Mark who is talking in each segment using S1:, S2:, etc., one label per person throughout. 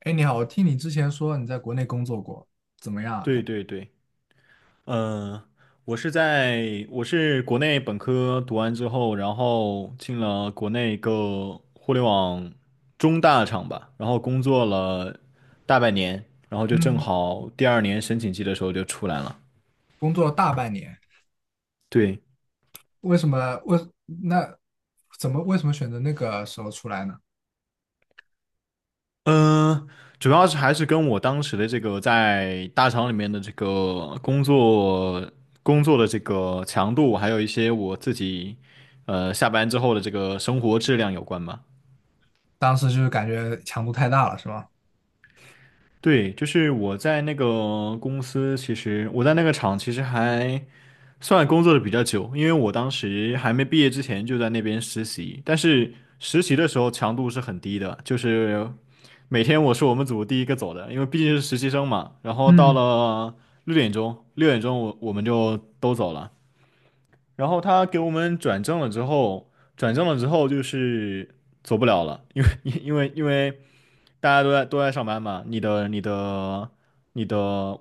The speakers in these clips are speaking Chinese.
S1: 哎，你好，我听你之前说你在国内工作过，怎么样啊？
S2: 对对对，嗯、我是国内本科读完之后，然后进了国内一个互联网中大厂吧，然后工作了大半年，然后就正
S1: 嗯，
S2: 好第二年申请季的时候就出来了。
S1: 工作了大半年，
S2: 对，
S1: 为什么？那为什么选择那个时候出来呢？
S2: 嗯、主要是还是跟我当时的这个在大厂里面的这个工作的这个强度，还有一些我自己下班之后的这个生活质量有关吧。
S1: 当时就是感觉强度太大了，是吗？
S2: 对，就是我在那个公司，其实我在那个厂其实还算工作的比较久，因为我当时还没毕业之前就在那边实习，但是实习的时候强度是很低的，就是每天我是我们组第一个走的，因为毕竟是实习生嘛。然后到
S1: 嗯，
S2: 了六点钟我们就都走了。然后他给我们转正了之后就是走不了了，因为大家都在上班嘛，你的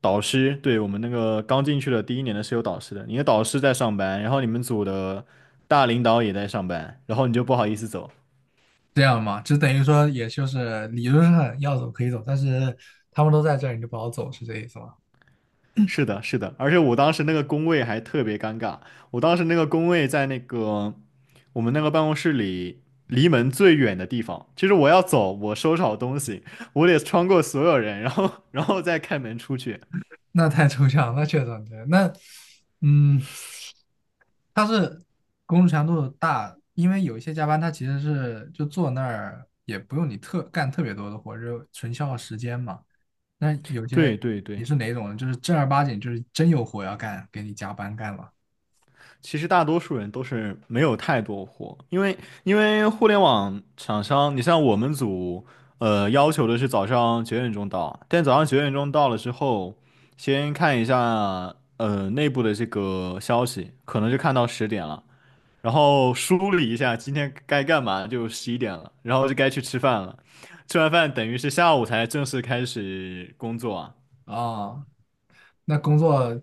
S2: 导师，对，我们那个刚进去的第一年的是有导师的，你的导师在上班，然后你们组的大领导也在上班，然后你就不好意思走。
S1: 这样吗？就等于说，也就是理论上要走可以走，但是他们都在这儿，你就不好走，是这意思吗？
S2: 是的，是的，而且我当时那个工位还特别尴尬，我当时那个工位在那个我们那个办公室里离门最远的地方，就是我要走，我收拾好东西，我得穿过所有人，然后再开门出去。
S1: 那太抽象，那确实很抽象嗯，它是工作强度大，因为有一些加班，它其实是就坐那儿也不用你特干特别多的活，就纯消耗时间嘛。那有 些
S2: 对对
S1: 你
S2: 对。
S1: 是哪种人，就是正儿八经就是真有活要干，给你加班干了。
S2: 其实大多数人都是没有太多货，因为互联网厂商，你像我们组，要求的是早上九点钟到，但早上九点钟到了之后，先看一下内部的这个消息，可能就看到十点了，然后梳理一下今天该干嘛，就11点了，然后就该去吃饭了，吃完饭等于是下午才正式开始工作啊。
S1: 哦，那工作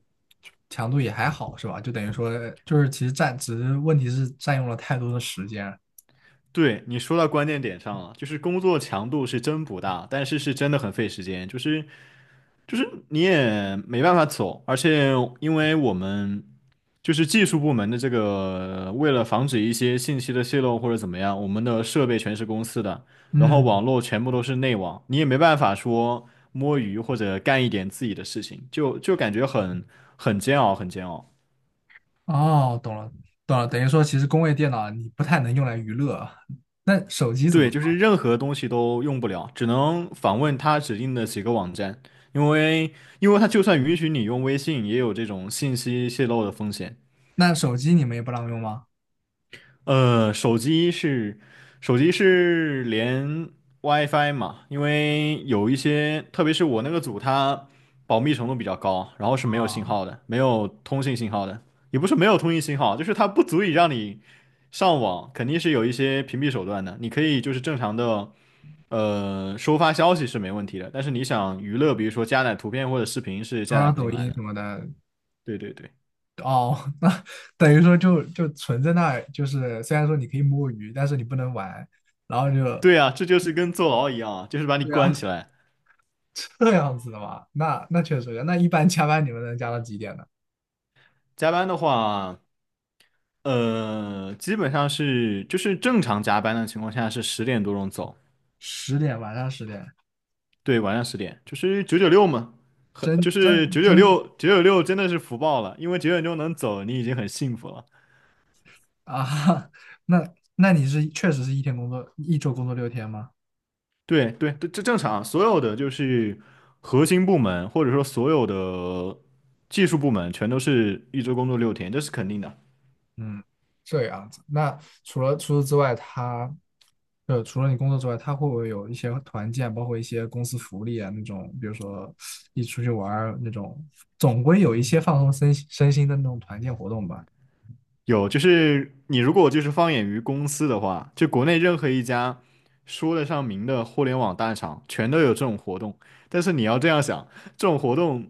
S1: 强度也还好是吧？就等于说就是其实占，只是问题是占用了太多的时间。
S2: 对，你说到关键点上了，就是工作强度是真不大，但是是真的很费时间，就是你也没办法走，而且因为我们就是技术部门的这个，为了防止一些信息的泄露或者怎么样，我们的设备全是公司的，然后网
S1: 嗯，
S2: 络全部都是内网，你也没办法说摸鱼或者干一点自己的事情，就感觉很煎熬，很煎熬。
S1: 哦，懂了懂了，等于说其实工位电脑你不太能用来娱乐啊。那手机怎么？
S2: 对，就是任何东西都用不了，只能访问它指定的几个网站，因为因为它就算允许你用微信，也有这种信息泄露的风险。
S1: 那手机你们也不让用吗？
S2: 呃，手机是手机是连 WiFi 嘛，因为有一些，特别是我那个组，它保密程度比较高，然后是没有信
S1: 啊，
S2: 号的，没有通信信号的，也不是没有通信信号，就是它不足以让你上网，肯定是有一些屏蔽手段的，你可以就是正常的。收发消息是没问题的，但是你想娱乐，比如说加载图片或者视频是
S1: 刷
S2: 加
S1: 刷
S2: 载不
S1: 抖
S2: 进来
S1: 音什
S2: 的。
S1: 么的，
S2: 对对对，
S1: 哦，那等于说就存在那儿，就是虽然说你可以摸鱼，但是你不能玩，然后就
S2: 对啊，这就是跟坐牢一样啊，就是把你
S1: 对
S2: 关
S1: 啊，
S2: 起来。
S1: 这样子的嘛，那确实，那一般加班你们能加到几点呢？
S2: 加班的话，基本上是就是正常加班的情况下是10点多钟走，
S1: 十点，晚上10点，
S2: 对，晚上十点，就是九九六嘛，就
S1: 真
S2: 是
S1: 真
S2: 九九
S1: 真
S2: 六九九六真的是福报了，因为九点钟能走，你已经很幸福了。
S1: 啊，那你是确实是一天工作，一周工作6天吗？
S2: 对对，这正常，所有的就是核心部门，或者说所有的技术部门，全都是一周工作6天，这是肯定的。
S1: 嗯，这样子。那除此之外，除了你工作之外，他会不会有一些团建，包括一些公司福利啊那种，比如说一起出去玩儿那种，总归有一些放松身心的那种团建活动吧。
S2: 有，就是你如果就是放眼于公司的话，就国内任何一家说得上名的互联网大厂，全都有这种活动。但是你要这样想，这种活动，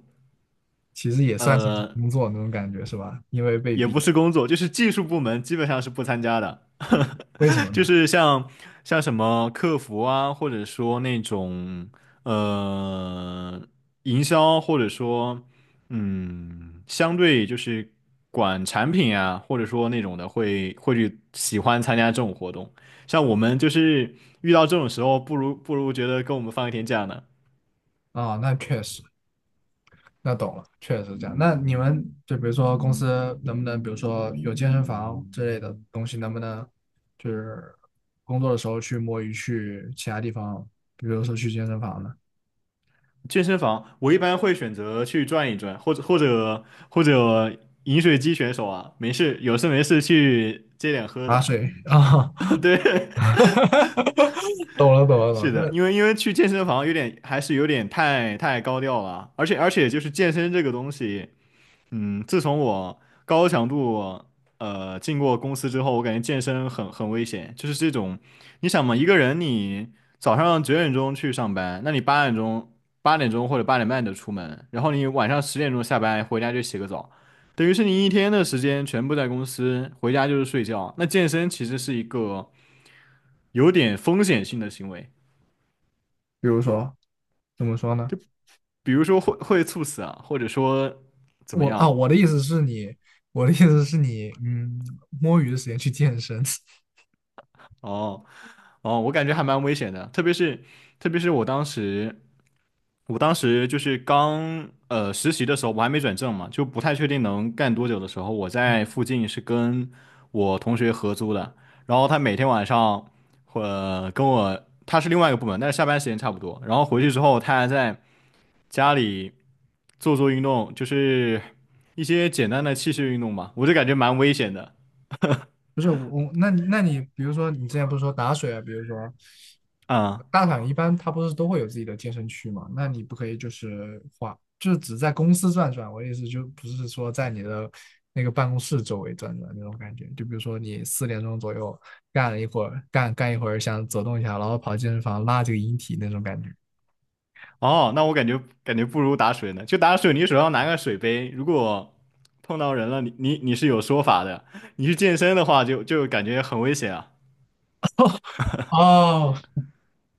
S1: 其实也算是一种
S2: 呃，
S1: 工作那种感觉是吧？因为被
S2: 也不
S1: 逼，
S2: 是工作，就是技术部门基本上是不参加的。
S1: 为什么
S2: 就
S1: 呢？
S2: 是像什么客服啊，或者说那种呃营销，或者说相对就是管产品啊，或者说那种的会去喜欢参加这种活动。像我们就是遇到这种时候，不如觉得跟我们放一天假呢。
S1: 啊，那确实，那懂了，确实是这样。那你们就比如说公司能不能，比如说有健身房之类的东西，能不能就是工作的时候去摸鱼，去其他地方，比如说去健身房呢？
S2: 健身房我一般会选择去转一转，或者饮水机选手啊，没事有事没事去接点喝
S1: 打
S2: 的。
S1: 水啊，
S2: 对。
S1: 懂了懂了懂了。
S2: 是的，
S1: 那
S2: 因为去健身房有点还是有点太高调了，而且就是健身这个东西，自从我高强度进过公司之后，我感觉健身很危险，就是这种，你想嘛，一个人你早上九点钟去上班，那你八点钟或者8点半就出门，然后你晚上10点钟下班回家就洗个澡，等于是你一天的时间全部在公司，回家就是睡觉，那健身其实是一个有点风险性的行为。
S1: 比如说怎么说呢？
S2: 就比如说会猝死啊，或者说怎么
S1: 我啊，
S2: 样？
S1: 我的意思是你，我的意思是你，摸鱼的时间去健身。
S2: 哦哦，我感觉还蛮危险的，特别是我当时，我当时就是刚实习的时候，我还没转正嘛，就不太确定能干多久的时候，我在附近是跟我同学合租的，然后他每天晚上会跟我，他是另外一个部门，但是下班时间差不多，然后回去之后他还在家里做做运动，就是一些简单的器械运动吧，我就感觉蛮危险的。
S1: 不是我，那你比如说你之前不是说打水啊，比如说
S2: 啊、
S1: 大厂一般它不是都会有自己的健身区嘛？那你不可以就是花，就是只在公司转转。我的意思就不是说在你的那个办公室周围转转那种感觉。就比如说你4点钟左右干了一会儿，干一会儿想走动一下，然后跑健身房拉这个引体那种感觉。
S2: 哦，那我感觉不如打水呢，就打水，你手上拿个水杯，如果碰到人了，你是有说法的，你去健身的话就感觉很危险啊。
S1: 哦，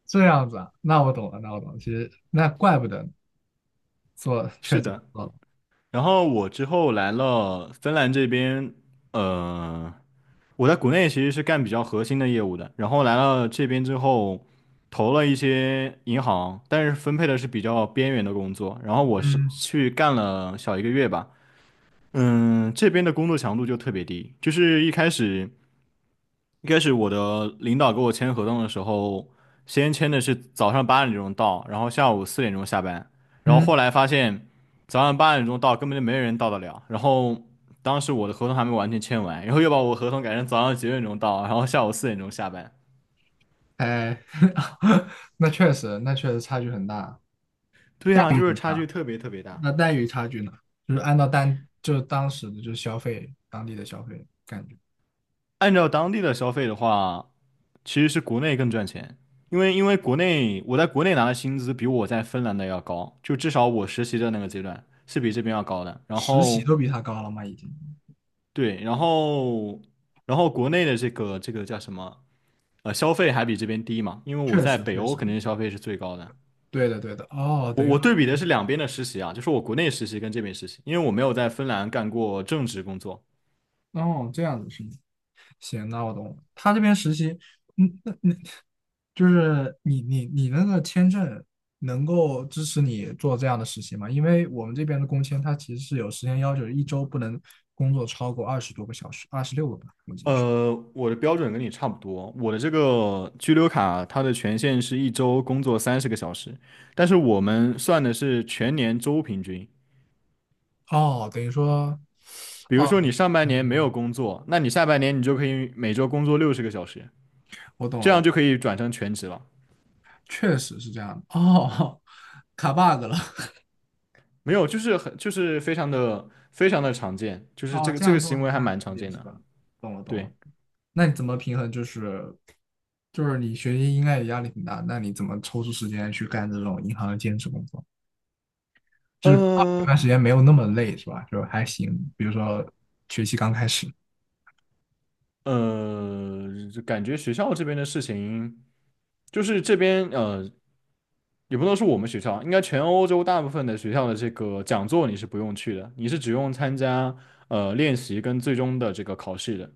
S1: 这样子啊，那我懂了，那我懂了。其实那怪不得做确
S2: 是
S1: 诊
S2: 的，
S1: 了。
S2: 然后我之后来了芬兰这边，呃。我在国内其实是干比较核心的业务的，然后来了这边之后，投了一些银行，但是分配的是比较边缘的工作。然后我是
S1: 嗯
S2: 去干了小一个月吧，这边的工作强度就特别低，就是一开始我的领导给我签合同的时候，先签的是早上八点钟到，然后下午四点钟下班，然后后
S1: 嗯。
S2: 来发现早上八点钟到根本就没人到得了，然后当时我的合同还没完全签完，然后又把我合同改成早上九点钟到，然后下午四点钟下班。
S1: 哎，那确实，那确实差距很大。
S2: 对
S1: 待
S2: 啊，
S1: 遇
S2: 就
S1: 怎
S2: 是
S1: 么
S2: 差距
S1: 样？
S2: 特别特别大。
S1: 那待遇差距呢？就是按照当就是当时的就是消费当地的消费感觉，
S2: 按照当地的消费的话，其实是国内更赚钱，因为国内我在国内拿的薪资比我在芬兰的要高，就至少我实习的那个阶段是比这边要高的，然
S1: 实习
S2: 后。
S1: 都比他高了吗？已经，
S2: 对，然后国内的这个叫什么？消费还比这边低嘛，因为我
S1: 确
S2: 在
S1: 实
S2: 北
S1: 确
S2: 欧
S1: 实，
S2: 肯定是消费是最高的。
S1: 对的对的。哦，
S2: 我
S1: 等于说，
S2: 我对比的是两边的实习啊，就是我国内实习跟这边实习，因为我没有在芬兰干过正职工作。
S1: 哦，这样子是吗，行，那我懂了。他这边实习，嗯，那就是你那个签证能够支持你做这样的实习吗？因为我们这边的工签它其实是有时间要求，一周不能工作超过20多个小时，26个。
S2: 我的标准跟你差不多，我的这个居留卡它的权限是一周工作30个小时，但是我们算的是全年周平均。
S1: 哦，等于说，
S2: 比如
S1: 哦，
S2: 说你上半年没
S1: 嗯
S2: 有工作，那你下半年你就可以每周工作60个小时，
S1: 我懂了，
S2: 这样
S1: 我
S2: 就可以转成全职了。
S1: 确实是这样的。哦，卡 bug 了。
S2: 没有，就是很就是非常的非常的常见，就 是
S1: 哦，
S2: 这个
S1: 这
S2: 这
S1: 样
S2: 个
S1: 做
S2: 行
S1: 是
S2: 为还
S1: 般
S2: 蛮
S1: 理
S2: 常
S1: 解
S2: 见
S1: 是
S2: 的。
S1: 吧？懂了，懂了。
S2: 对，
S1: 那你怎么平衡？就是你学习应该也压力挺大，那你怎么抽出时间去干这种银行的兼职工作？就是啊有
S2: 呃
S1: 段时间没有那么累是吧？就还行。比如说学期刚开始。
S2: 就感觉学校这边的事情，就是这边也不能说我们学校，应该全欧洲大部分的学校的这个讲座你是不用去的，你是只用参加练习跟最终的这个考试的，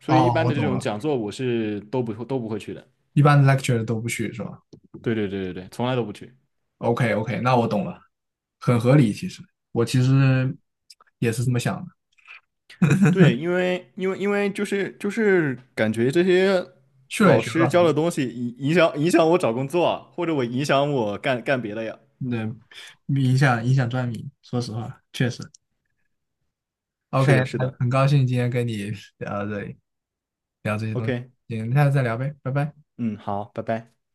S2: 所以一
S1: 哦，
S2: 般
S1: 我
S2: 的这
S1: 懂
S2: 种
S1: 了。
S2: 讲座我是都不会去的。
S1: 一般 lecture 都不去是吧
S2: 对对对对对，从来都不去。
S1: ？OK OK，那我懂了，很合理其实。我其实也是这么想的。
S2: 对，因为就是感觉这些
S1: 去了也
S2: 老
S1: 学不到
S2: 师
S1: 什
S2: 教
S1: 么，
S2: 的东西影响我找工作啊，或者我影响我干干别的呀。
S1: 对，影响赚米说实话，确实。OK，
S2: 是的，是
S1: 那
S2: 的。
S1: 很高兴今天跟你聊到这里，聊这些东西，
S2: OK,
S1: 行，下次再聊呗，拜拜。
S2: 嗯，好，拜拜。